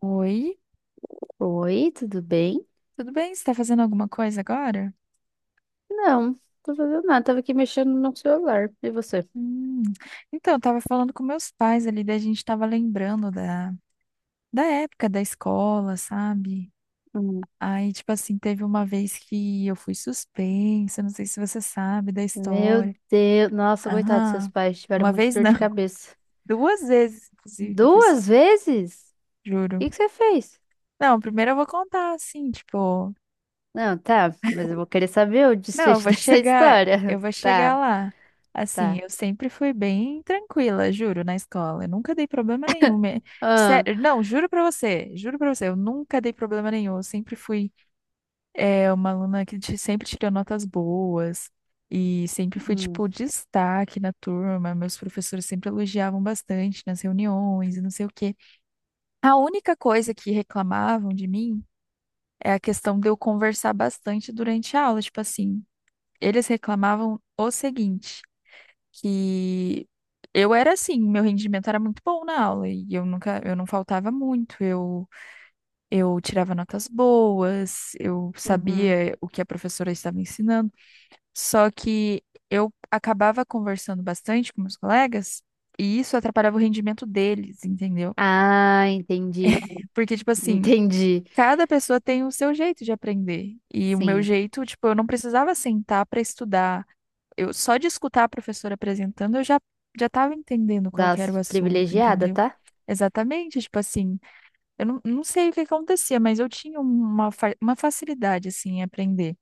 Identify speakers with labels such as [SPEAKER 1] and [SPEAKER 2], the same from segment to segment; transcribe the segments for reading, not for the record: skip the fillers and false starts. [SPEAKER 1] Oi,
[SPEAKER 2] Oi, tudo bem?
[SPEAKER 1] tudo bem? Você tá fazendo alguma coisa agora?
[SPEAKER 2] Não, tô fazendo nada. Tava aqui mexendo no celular. E você?
[SPEAKER 1] Hum, Então, eu tava falando com meus pais ali, daí a gente tava lembrando da, da época da escola, sabe?
[SPEAKER 2] Hum.
[SPEAKER 1] Aí, tipo assim, teve uma vez que eu fui suspensa, não sei se você sabe da
[SPEAKER 2] Meu
[SPEAKER 1] história.
[SPEAKER 2] Deus. Nossa, coitado, seus
[SPEAKER 1] Aham,
[SPEAKER 2] pais tiveram
[SPEAKER 1] uma
[SPEAKER 2] muita
[SPEAKER 1] vez
[SPEAKER 2] dor
[SPEAKER 1] não,
[SPEAKER 2] de cabeça.
[SPEAKER 1] duas vezes, inclusive, que eu fui
[SPEAKER 2] Duas
[SPEAKER 1] suspensa,
[SPEAKER 2] vezes? O
[SPEAKER 1] juro.
[SPEAKER 2] que que você fez?
[SPEAKER 1] Não, primeiro eu vou contar, assim, tipo,
[SPEAKER 2] Não, tá, mas eu vou querer saber o
[SPEAKER 1] não,
[SPEAKER 2] desfecho dessa
[SPEAKER 1] eu
[SPEAKER 2] história.
[SPEAKER 1] vou chegar
[SPEAKER 2] Tá,
[SPEAKER 1] lá. Assim,
[SPEAKER 2] tá.
[SPEAKER 1] eu sempre fui bem tranquila, juro, na escola. Eu nunca dei problema nenhum.
[SPEAKER 2] Ah,
[SPEAKER 1] Sério, não, juro pra você, eu nunca dei problema nenhum. Eu sempre fui uma aluna que sempre tirou notas boas e sempre fui,
[SPEAKER 2] hum,
[SPEAKER 1] tipo, destaque na turma. Meus professores sempre elogiavam bastante nas reuniões e não sei o quê. A única coisa que reclamavam de mim é a questão de eu conversar bastante durante a aula, tipo assim. Eles reclamavam o seguinte, que eu era assim, meu rendimento era muito bom na aula e eu não faltava muito, eu tirava notas boas, eu
[SPEAKER 2] uhum.
[SPEAKER 1] sabia o que a professora estava ensinando, só que eu acabava conversando bastante com meus colegas e isso atrapalhava o rendimento deles, entendeu?
[SPEAKER 2] Ah, entendi.
[SPEAKER 1] Porque tipo assim,
[SPEAKER 2] Entendi.
[SPEAKER 1] cada pessoa tem o seu jeito de aprender. E o meu
[SPEAKER 2] Sim,
[SPEAKER 1] jeito, tipo, eu não precisava sentar para estudar. Eu só de escutar a professora apresentando, eu já estava entendendo qual que era o
[SPEAKER 2] das
[SPEAKER 1] assunto,
[SPEAKER 2] privilegiada,
[SPEAKER 1] entendeu?
[SPEAKER 2] tá?
[SPEAKER 1] Exatamente, tipo assim, eu não sei o que acontecia, mas eu tinha uma facilidade, assim, em aprender.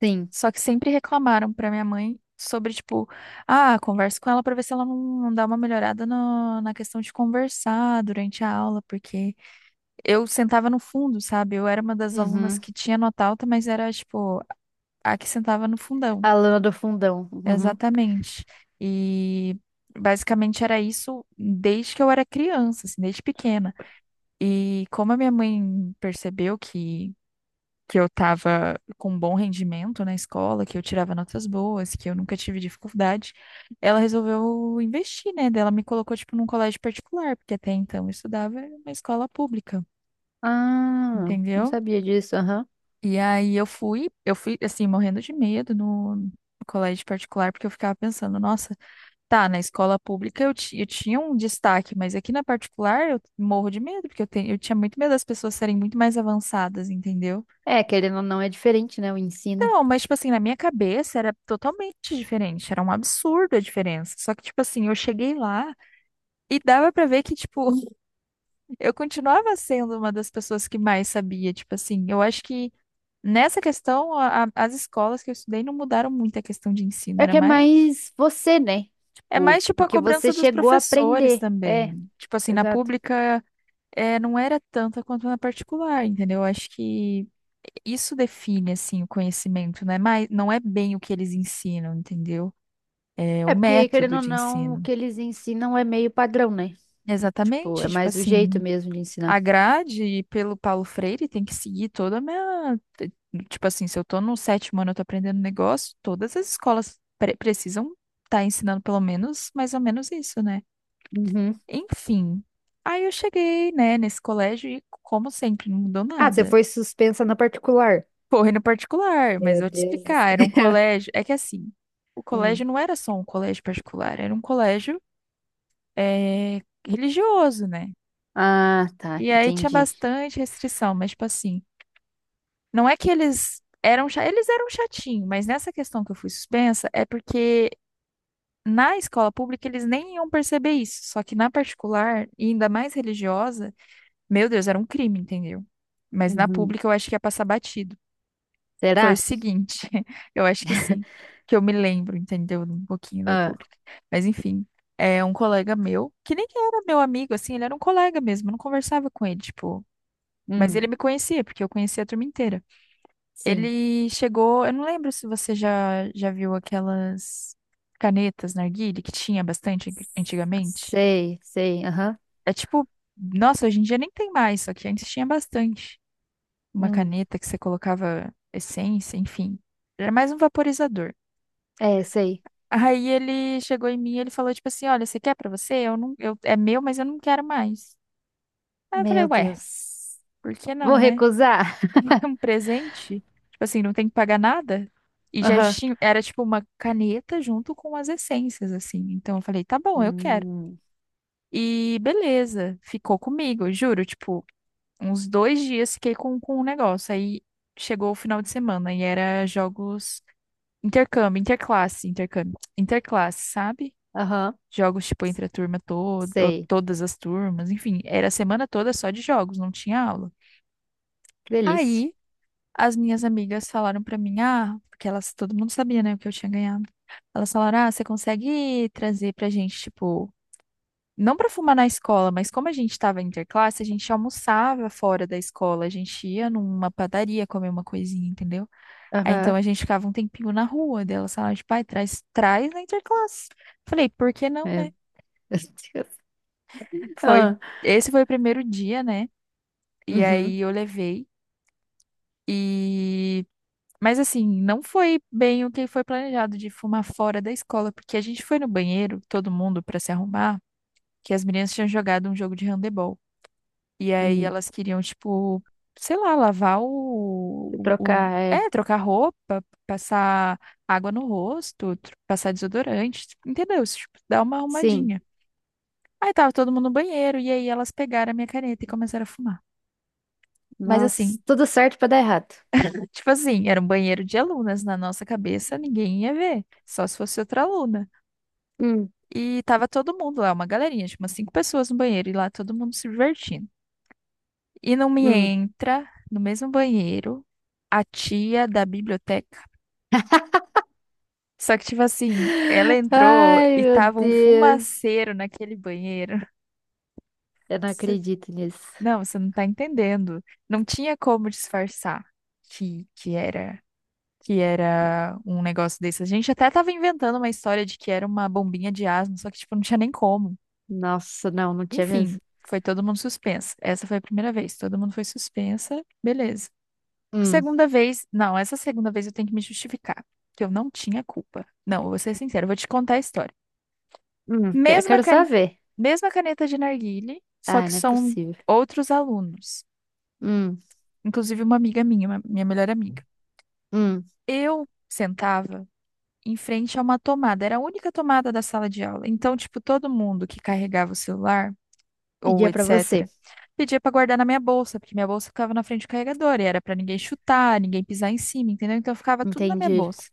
[SPEAKER 2] Sim.
[SPEAKER 1] Só que sempre reclamaram para minha mãe sobre, tipo, ah, converso com ela para ver se ela não dá uma melhorada na questão de conversar durante a aula, porque eu sentava no fundo, sabe? Eu era uma das alunas
[SPEAKER 2] Uhum.
[SPEAKER 1] que tinha nota alta, mas era, tipo, a que sentava no fundão.
[SPEAKER 2] A lona do fundão. Uhum.
[SPEAKER 1] Exatamente. E basicamente era isso desde que eu era criança, assim, desde pequena. E como a minha mãe percebeu que eu estava com um bom rendimento na escola, que eu tirava notas boas, que eu nunca tive dificuldade, ela resolveu investir, né? Daí ela me colocou, tipo, num colégio particular, porque até então eu estudava em uma escola pública,
[SPEAKER 2] Ah, não
[SPEAKER 1] entendeu?
[SPEAKER 2] sabia disso, aham.
[SPEAKER 1] E aí eu fui, assim, morrendo de medo no no colégio particular, porque eu ficava pensando, nossa. Tá, na escola pública eu tinha um destaque, mas aqui na particular eu morro de medo, porque eu tinha muito medo das pessoas serem muito mais avançadas, entendeu?
[SPEAKER 2] É, querendo ou não, é diferente, né, o ensino.
[SPEAKER 1] Então, mas, tipo assim, na minha cabeça era totalmente diferente, era um absurdo a diferença. Só que, tipo assim, eu cheguei lá e dava pra ver que, tipo, eu continuava sendo uma das pessoas que mais sabia, tipo assim, eu acho que nessa questão as escolas que eu estudei não mudaram muito a questão de ensino,
[SPEAKER 2] É
[SPEAKER 1] era
[SPEAKER 2] que é
[SPEAKER 1] mais.
[SPEAKER 2] mais você, né?
[SPEAKER 1] É mais
[SPEAKER 2] Tipo,
[SPEAKER 1] tipo a
[SPEAKER 2] porque
[SPEAKER 1] cobrança
[SPEAKER 2] você
[SPEAKER 1] dos
[SPEAKER 2] chegou a
[SPEAKER 1] professores
[SPEAKER 2] aprender. É,
[SPEAKER 1] também. Tipo assim, na
[SPEAKER 2] exato.
[SPEAKER 1] pública é, não era tanta quanto na particular, entendeu? Eu acho que isso define, assim, o conhecimento, né? Mas não é bem o que eles ensinam, entendeu? É o
[SPEAKER 2] É porque, querendo
[SPEAKER 1] método
[SPEAKER 2] ou
[SPEAKER 1] de
[SPEAKER 2] não, o
[SPEAKER 1] ensino.
[SPEAKER 2] que eles ensinam é meio padrão, né? Tipo, é
[SPEAKER 1] Exatamente, tipo
[SPEAKER 2] mais o jeito
[SPEAKER 1] assim,
[SPEAKER 2] mesmo de
[SPEAKER 1] a
[SPEAKER 2] ensinar.
[SPEAKER 1] grade pelo Paulo Freire tem que seguir toda a minha... tipo assim, se eu tô no sétimo ano, eu tô aprendendo um negócio, todas as escolas precisam estar ensinando pelo menos, mais ou menos isso, né?
[SPEAKER 2] Uhum.
[SPEAKER 1] Enfim, aí eu cheguei, né, nesse colégio e, como sempre, não mudou
[SPEAKER 2] Ah, você
[SPEAKER 1] nada.
[SPEAKER 2] foi suspensa na particular.
[SPEAKER 1] Correndo particular, mas
[SPEAKER 2] Meu
[SPEAKER 1] eu vou te
[SPEAKER 2] Deus do céu.
[SPEAKER 1] explicar. Era um colégio. É que assim, o colégio
[SPEAKER 2] Hum.
[SPEAKER 1] não era só um colégio particular, era um colégio eh, religioso, né?
[SPEAKER 2] Ah, tá,
[SPEAKER 1] E aí tinha
[SPEAKER 2] entendi.
[SPEAKER 1] bastante restrição, mas tipo assim, não é que eles eram chatinho, mas nessa questão que eu fui suspensa é porque na escola pública eles nem iam perceber isso, só que na particular, e ainda mais religiosa, meu Deus, era um crime, entendeu? Mas na
[SPEAKER 2] Uhum.
[SPEAKER 1] pública eu acho que ia passar batido. Foi o
[SPEAKER 2] Será?
[SPEAKER 1] seguinte, eu acho que sim, que eu me lembro, entendeu? Um pouquinho da
[SPEAKER 2] Ah,
[SPEAKER 1] pública. Mas enfim, é um colega meu, que nem era meu amigo, assim, ele era um colega mesmo, eu não conversava com ele, tipo. Mas
[SPEAKER 2] hum,
[SPEAKER 1] ele me conhecia, porque eu conhecia a turma inteira.
[SPEAKER 2] sim.
[SPEAKER 1] Ele chegou, eu não lembro se você já viu aquelas canetas narguilé que tinha bastante antigamente.
[SPEAKER 2] Sei, sei, aham.
[SPEAKER 1] É tipo, nossa, hoje em dia nem tem mais, só que antes tinha bastante. Uma
[SPEAKER 2] Hum,
[SPEAKER 1] caneta que você colocava essência, enfim. Era mais um vaporizador.
[SPEAKER 2] é, sei.
[SPEAKER 1] Aí ele chegou em mim e ele falou, tipo assim, olha, você quer pra você? Eu não, eu, é meu, mas eu não quero mais. Aí eu falei,
[SPEAKER 2] Meu
[SPEAKER 1] ué,
[SPEAKER 2] Deus.
[SPEAKER 1] por que não,
[SPEAKER 2] Vou
[SPEAKER 1] né?
[SPEAKER 2] recusar.
[SPEAKER 1] É um presente? Tipo assim, não tem que pagar nada? E já
[SPEAKER 2] Aham.
[SPEAKER 1] tinha, era tipo uma caneta junto com as essências, assim. Então eu falei, tá bom, eu quero.
[SPEAKER 2] Hum,
[SPEAKER 1] E beleza, ficou comigo, juro, tipo, uns 2 dias fiquei com o negócio. Aí chegou o final de semana e era jogos intercâmbio, interclasse, sabe?
[SPEAKER 2] aham,
[SPEAKER 1] Jogos, tipo, entre a turma toda, ou
[SPEAKER 2] sei.
[SPEAKER 1] todas as turmas, enfim, era a semana toda só de jogos, não tinha aula.
[SPEAKER 2] Que delícia.
[SPEAKER 1] Aí, as minhas amigas falaram pra mim, ah, porque elas, todo mundo sabia, né, o que eu tinha ganhado. Elas falaram, ah, você consegue trazer pra gente, tipo, não pra fumar na escola, mas como a gente tava interclasse, a gente almoçava fora da escola, a gente ia numa padaria comer uma coisinha, entendeu? Aí, então,
[SPEAKER 2] Aham.
[SPEAKER 1] a gente ficava um tempinho na rua, delas falaram, tipo, pai, traz, traz na interclasse. Falei, por que não, né?
[SPEAKER 2] Meu Deus.
[SPEAKER 1] Foi,
[SPEAKER 2] Ah,
[SPEAKER 1] esse foi o primeiro dia, né? E aí
[SPEAKER 2] uhum.
[SPEAKER 1] eu levei e mas assim, não foi bem o que foi planejado de fumar fora da escola, porque a gente foi no banheiro, todo mundo pra se arrumar, que as meninas tinham jogado um jogo de handebol. E aí
[SPEAKER 2] Hum.
[SPEAKER 1] elas queriam tipo, sei lá, lavar
[SPEAKER 2] Se trocar, é.
[SPEAKER 1] trocar roupa, passar água no rosto, passar desodorante, tipo, entendeu? Tipo, dar uma
[SPEAKER 2] Sim.
[SPEAKER 1] arrumadinha. Aí tava todo mundo no banheiro e aí elas pegaram a minha caneta e começaram a fumar. Mas
[SPEAKER 2] Nossa,
[SPEAKER 1] assim,
[SPEAKER 2] tudo certo pra dar errado.
[SPEAKER 1] tipo assim, era um banheiro de alunas. Na nossa cabeça, ninguém ia ver. Só se fosse outra aluna.
[SPEAKER 2] Hum,
[SPEAKER 1] E tava todo mundo lá, uma galerinha, tipo umas cinco pessoas no banheiro. E lá todo mundo se divertindo. E não me
[SPEAKER 2] hum.
[SPEAKER 1] entra no mesmo banheiro a tia da biblioteca. Só que, tipo assim, ela entrou
[SPEAKER 2] Ai,
[SPEAKER 1] e
[SPEAKER 2] meu
[SPEAKER 1] tava um
[SPEAKER 2] Deus.
[SPEAKER 1] fumaceiro naquele banheiro.
[SPEAKER 2] Eu não
[SPEAKER 1] Você-
[SPEAKER 2] acredito nisso.
[SPEAKER 1] Não, você não tá entendendo. Não tinha como disfarçar que, que era. que era um negócio desse. A gente até tava inventando uma história de que era uma bombinha de asma, só que, tipo, não tinha nem como.
[SPEAKER 2] Nossa, não, não tinha mesmo.
[SPEAKER 1] Enfim, foi todo mundo suspensa. Essa foi a primeira vez, todo mundo foi suspensa. Beleza.
[SPEAKER 2] Hum,
[SPEAKER 1] Segunda vez, não, essa segunda vez eu tenho que me justificar, que eu não tinha culpa. Não, eu vou ser sincera, eu vou te contar a história. Mesma,
[SPEAKER 2] Quero só
[SPEAKER 1] can...
[SPEAKER 2] ver.
[SPEAKER 1] Mesma caneta de narguilé, só
[SPEAKER 2] Ai,
[SPEAKER 1] que
[SPEAKER 2] não é
[SPEAKER 1] são
[SPEAKER 2] possível.
[SPEAKER 1] outros alunos.
[SPEAKER 2] Hum,
[SPEAKER 1] Inclusive uma amiga minha, minha melhor amiga.
[SPEAKER 2] hum.
[SPEAKER 1] Eu sentava em frente a uma tomada. Era a única tomada da sala de aula. Então, tipo, todo mundo que carregava o celular ou
[SPEAKER 2] Pedia pra você.
[SPEAKER 1] etc, pedia pra guardar na minha bolsa, porque minha bolsa ficava na frente do carregador e era pra ninguém chutar, ninguém pisar em cima, entendeu? Então, ficava tudo na minha
[SPEAKER 2] Entendi.
[SPEAKER 1] bolsa.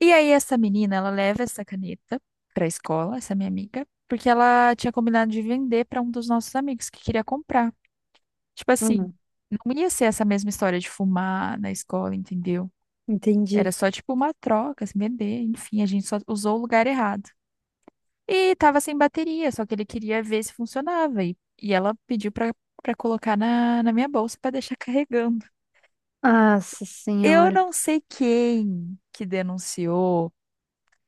[SPEAKER 1] E aí, essa menina, ela leva essa caneta pra escola, essa minha amiga, porque ela tinha combinado de vender pra um dos nossos amigos que queria comprar. Tipo assim,
[SPEAKER 2] Uhum,
[SPEAKER 1] não ia ser essa mesma história de fumar na escola, entendeu? Era
[SPEAKER 2] entendi.
[SPEAKER 1] só tipo uma troca, se vender, enfim, a gente só usou o lugar errado. E tava sem bateria, só que ele queria ver se funcionava. E ela pediu pra colocar na minha bolsa pra deixar carregando. É.
[SPEAKER 2] Nossa
[SPEAKER 1] Eu
[SPEAKER 2] senhora.
[SPEAKER 1] não sei quem que denunciou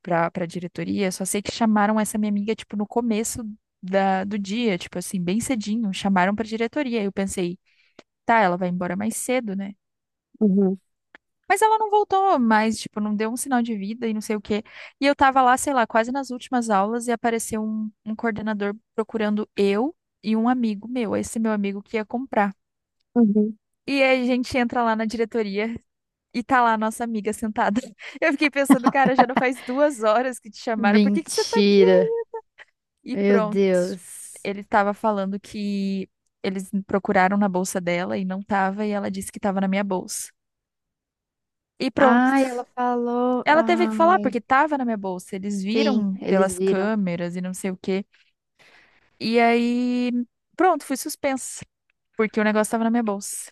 [SPEAKER 1] pra diretoria, só sei que chamaram essa minha amiga, tipo, no começo do dia, tipo assim, bem cedinho. Chamaram pra diretoria. Eu pensei, tá, ela vai embora mais cedo, né?
[SPEAKER 2] Uhum,
[SPEAKER 1] Mas ela não voltou mais, tipo, não deu um sinal de vida e não sei o quê. E eu tava lá, sei lá, quase nas últimas aulas e apareceu um coordenador procurando eu e um amigo meu, esse meu amigo que ia comprar.
[SPEAKER 2] uhum.
[SPEAKER 1] E aí a gente entra lá na diretoria e tá lá a nossa amiga sentada. Eu fiquei pensando, cara, já não faz 2 horas que te chamaram, por que que você tá aqui?
[SPEAKER 2] Mentira.
[SPEAKER 1] E
[SPEAKER 2] Meu
[SPEAKER 1] pronto.
[SPEAKER 2] Deus.
[SPEAKER 1] Ele estava falando que eles procuraram na bolsa dela e não tava, e ela disse que tava na minha bolsa. E pronto.
[SPEAKER 2] Ai, ela falou.
[SPEAKER 1] Ela teve que
[SPEAKER 2] Ah,
[SPEAKER 1] falar, porque tava na minha bolsa. Eles
[SPEAKER 2] sim,
[SPEAKER 1] viram
[SPEAKER 2] eles
[SPEAKER 1] pelas
[SPEAKER 2] viram.
[SPEAKER 1] câmeras e não sei o quê. E aí, pronto, fui suspensa, porque o negócio tava na minha bolsa.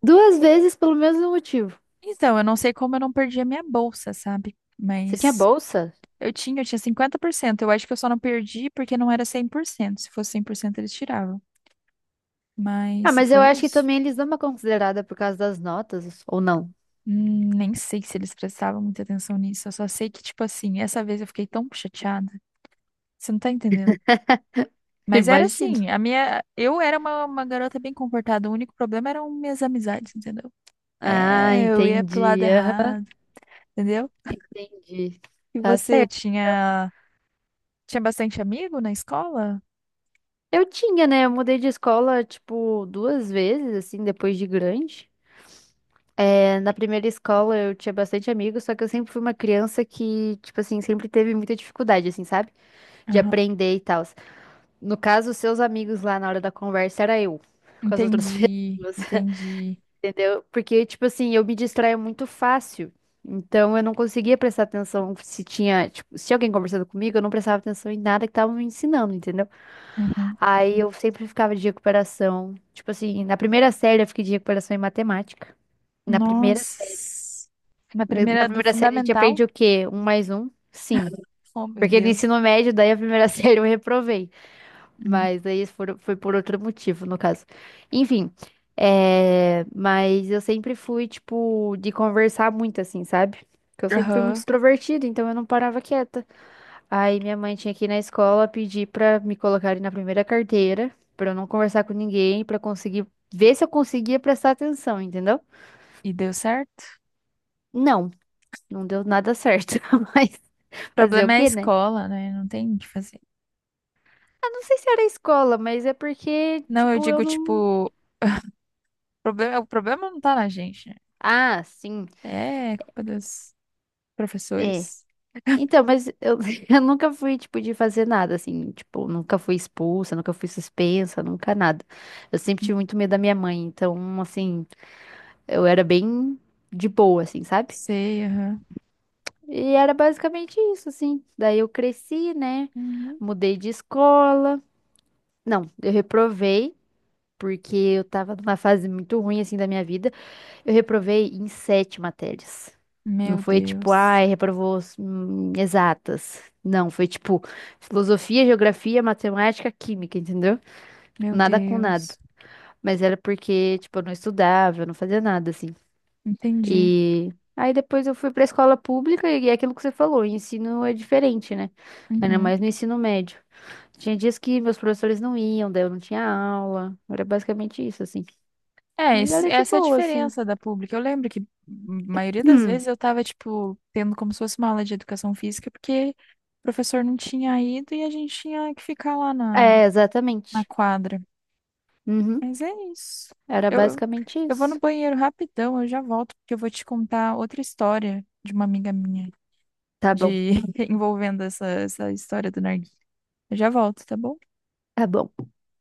[SPEAKER 2] Duas vezes pelo mesmo motivo.
[SPEAKER 1] Então, eu não sei como eu não perdi a minha bolsa, sabe?
[SPEAKER 2] Você tinha
[SPEAKER 1] Mas
[SPEAKER 2] bolsa?
[SPEAKER 1] eu tinha 50%. Eu acho que eu só não perdi porque não era 100%. Se fosse 100% eles tiravam.
[SPEAKER 2] Ah,
[SPEAKER 1] Mas
[SPEAKER 2] mas eu
[SPEAKER 1] foi
[SPEAKER 2] acho que
[SPEAKER 1] isso.
[SPEAKER 2] também eles dão uma considerada por causa das notas, ou não?
[SPEAKER 1] Nem sei se eles prestavam muita atenção nisso. Eu só sei que, tipo assim, essa vez eu fiquei tão chateada. Você não tá entendendo? Mas era
[SPEAKER 2] Imagino.
[SPEAKER 1] assim, eu era uma garota bem comportada, o único problema eram minhas amizades, entendeu?
[SPEAKER 2] Ah,
[SPEAKER 1] É, eu ia pro lado
[SPEAKER 2] entendi. Aham,
[SPEAKER 1] errado, entendeu?
[SPEAKER 2] entendi.
[SPEAKER 1] E
[SPEAKER 2] Tá
[SPEAKER 1] você
[SPEAKER 2] certo.
[SPEAKER 1] tinha, tinha bastante amigo na escola?
[SPEAKER 2] Eu tinha, né? Eu mudei de escola, tipo, duas vezes, assim, depois de grande. É, na primeira escola eu tinha bastante amigos, só que eu sempre fui uma criança que, tipo assim, sempre teve muita dificuldade, assim, sabe? De
[SPEAKER 1] Aham.
[SPEAKER 2] aprender e tal. No caso, os seus amigos lá na hora da conversa era eu, com as outras
[SPEAKER 1] Entendi,
[SPEAKER 2] pessoas,
[SPEAKER 1] entendi.
[SPEAKER 2] entendeu? Porque, tipo assim, eu me distraía muito fácil. Então eu não conseguia prestar atenção se tinha, tipo, se tinha alguém conversando comigo, eu não prestava atenção em nada que estavam me ensinando, entendeu?
[SPEAKER 1] Uhum.
[SPEAKER 2] Aí eu sempre ficava de recuperação. Tipo assim, na primeira série eu fiquei de recuperação em matemática. Na primeira série.
[SPEAKER 1] Nossa. Na
[SPEAKER 2] Na
[SPEAKER 1] primeira do
[SPEAKER 2] primeira série a gente
[SPEAKER 1] fundamental?
[SPEAKER 2] aprende o quê? Um mais um? Sim.
[SPEAKER 1] Oh, meu
[SPEAKER 2] Porque no
[SPEAKER 1] Deus.
[SPEAKER 2] ensino médio, daí a primeira série eu reprovei.
[SPEAKER 1] Uhum.
[SPEAKER 2] Mas aí foi por outro motivo, no caso. Enfim. Mas eu sempre fui, tipo, de conversar muito, assim, sabe? Porque eu sempre fui muito
[SPEAKER 1] Aham.
[SPEAKER 2] extrovertida, então eu não parava quieta. Aí minha mãe tinha que ir na escola pedir pra me colocarem na primeira carteira, pra eu não conversar com ninguém, pra conseguir ver se eu conseguia prestar atenção, entendeu?
[SPEAKER 1] E deu certo?
[SPEAKER 2] Não, não deu nada certo, mas
[SPEAKER 1] O
[SPEAKER 2] fazer o
[SPEAKER 1] problema é a
[SPEAKER 2] quê, né?
[SPEAKER 1] escola, né? Não tem o que fazer.
[SPEAKER 2] Ah, não sei se era a escola, mas é porque,
[SPEAKER 1] Não, eu
[SPEAKER 2] tipo, eu
[SPEAKER 1] digo,
[SPEAKER 2] não.
[SPEAKER 1] tipo, problema, o problema não tá na gente, né?
[SPEAKER 2] Ah, sim,
[SPEAKER 1] É, culpa dos
[SPEAKER 2] é.
[SPEAKER 1] professores.
[SPEAKER 2] Então, mas eu, eu nunca fui, tipo, de fazer nada, assim, tipo, nunca fui expulsa, nunca fui suspensa, nunca nada. Eu sempre tive muito medo da minha mãe, então, assim, eu era bem de boa, assim, sabe?
[SPEAKER 1] Sei, aham.
[SPEAKER 2] E era basicamente isso, assim. Daí eu cresci, né?
[SPEAKER 1] Uhum.
[SPEAKER 2] Mudei de escola. Não, eu reprovei, porque eu tava numa fase muito ruim, assim, da minha vida. Eu reprovei em sete matérias. Não
[SPEAKER 1] Meu
[SPEAKER 2] foi tipo,
[SPEAKER 1] Deus.
[SPEAKER 2] ai, reprovou exatas. Não, foi tipo filosofia, geografia, matemática, química, entendeu?
[SPEAKER 1] Meu
[SPEAKER 2] Nada com nada.
[SPEAKER 1] Deus.
[SPEAKER 2] Mas era porque, tipo, eu não estudava, eu não fazia nada, assim.
[SPEAKER 1] Entendi.
[SPEAKER 2] E aí depois eu fui pra escola pública e é aquilo que você falou, o ensino é diferente, né? Ainda
[SPEAKER 1] Uhum.
[SPEAKER 2] mais no ensino médio. Tinha dias que meus professores não iam, daí eu não tinha aula. Era basicamente isso, assim.
[SPEAKER 1] É,
[SPEAKER 2] Mas era de
[SPEAKER 1] essa é a
[SPEAKER 2] boa, assim.
[SPEAKER 1] diferença da pública. Eu lembro que a maioria das
[SPEAKER 2] Hum,
[SPEAKER 1] vezes eu tava, tipo, tendo como se fosse uma aula de educação física, porque o professor não tinha ido e a gente tinha que ficar lá na,
[SPEAKER 2] é,
[SPEAKER 1] na
[SPEAKER 2] exatamente.
[SPEAKER 1] quadra.
[SPEAKER 2] Uhum.
[SPEAKER 1] Mas é isso.
[SPEAKER 2] Era
[SPEAKER 1] Eu, eu
[SPEAKER 2] basicamente
[SPEAKER 1] eu vou no
[SPEAKER 2] isso.
[SPEAKER 1] banheiro rapidão, eu já volto, porque eu vou te contar outra história de uma amiga minha,
[SPEAKER 2] Tá bom,
[SPEAKER 1] de envolvendo essa, essa história do narguilé. Eu já volto, tá bom?
[SPEAKER 2] tá bom.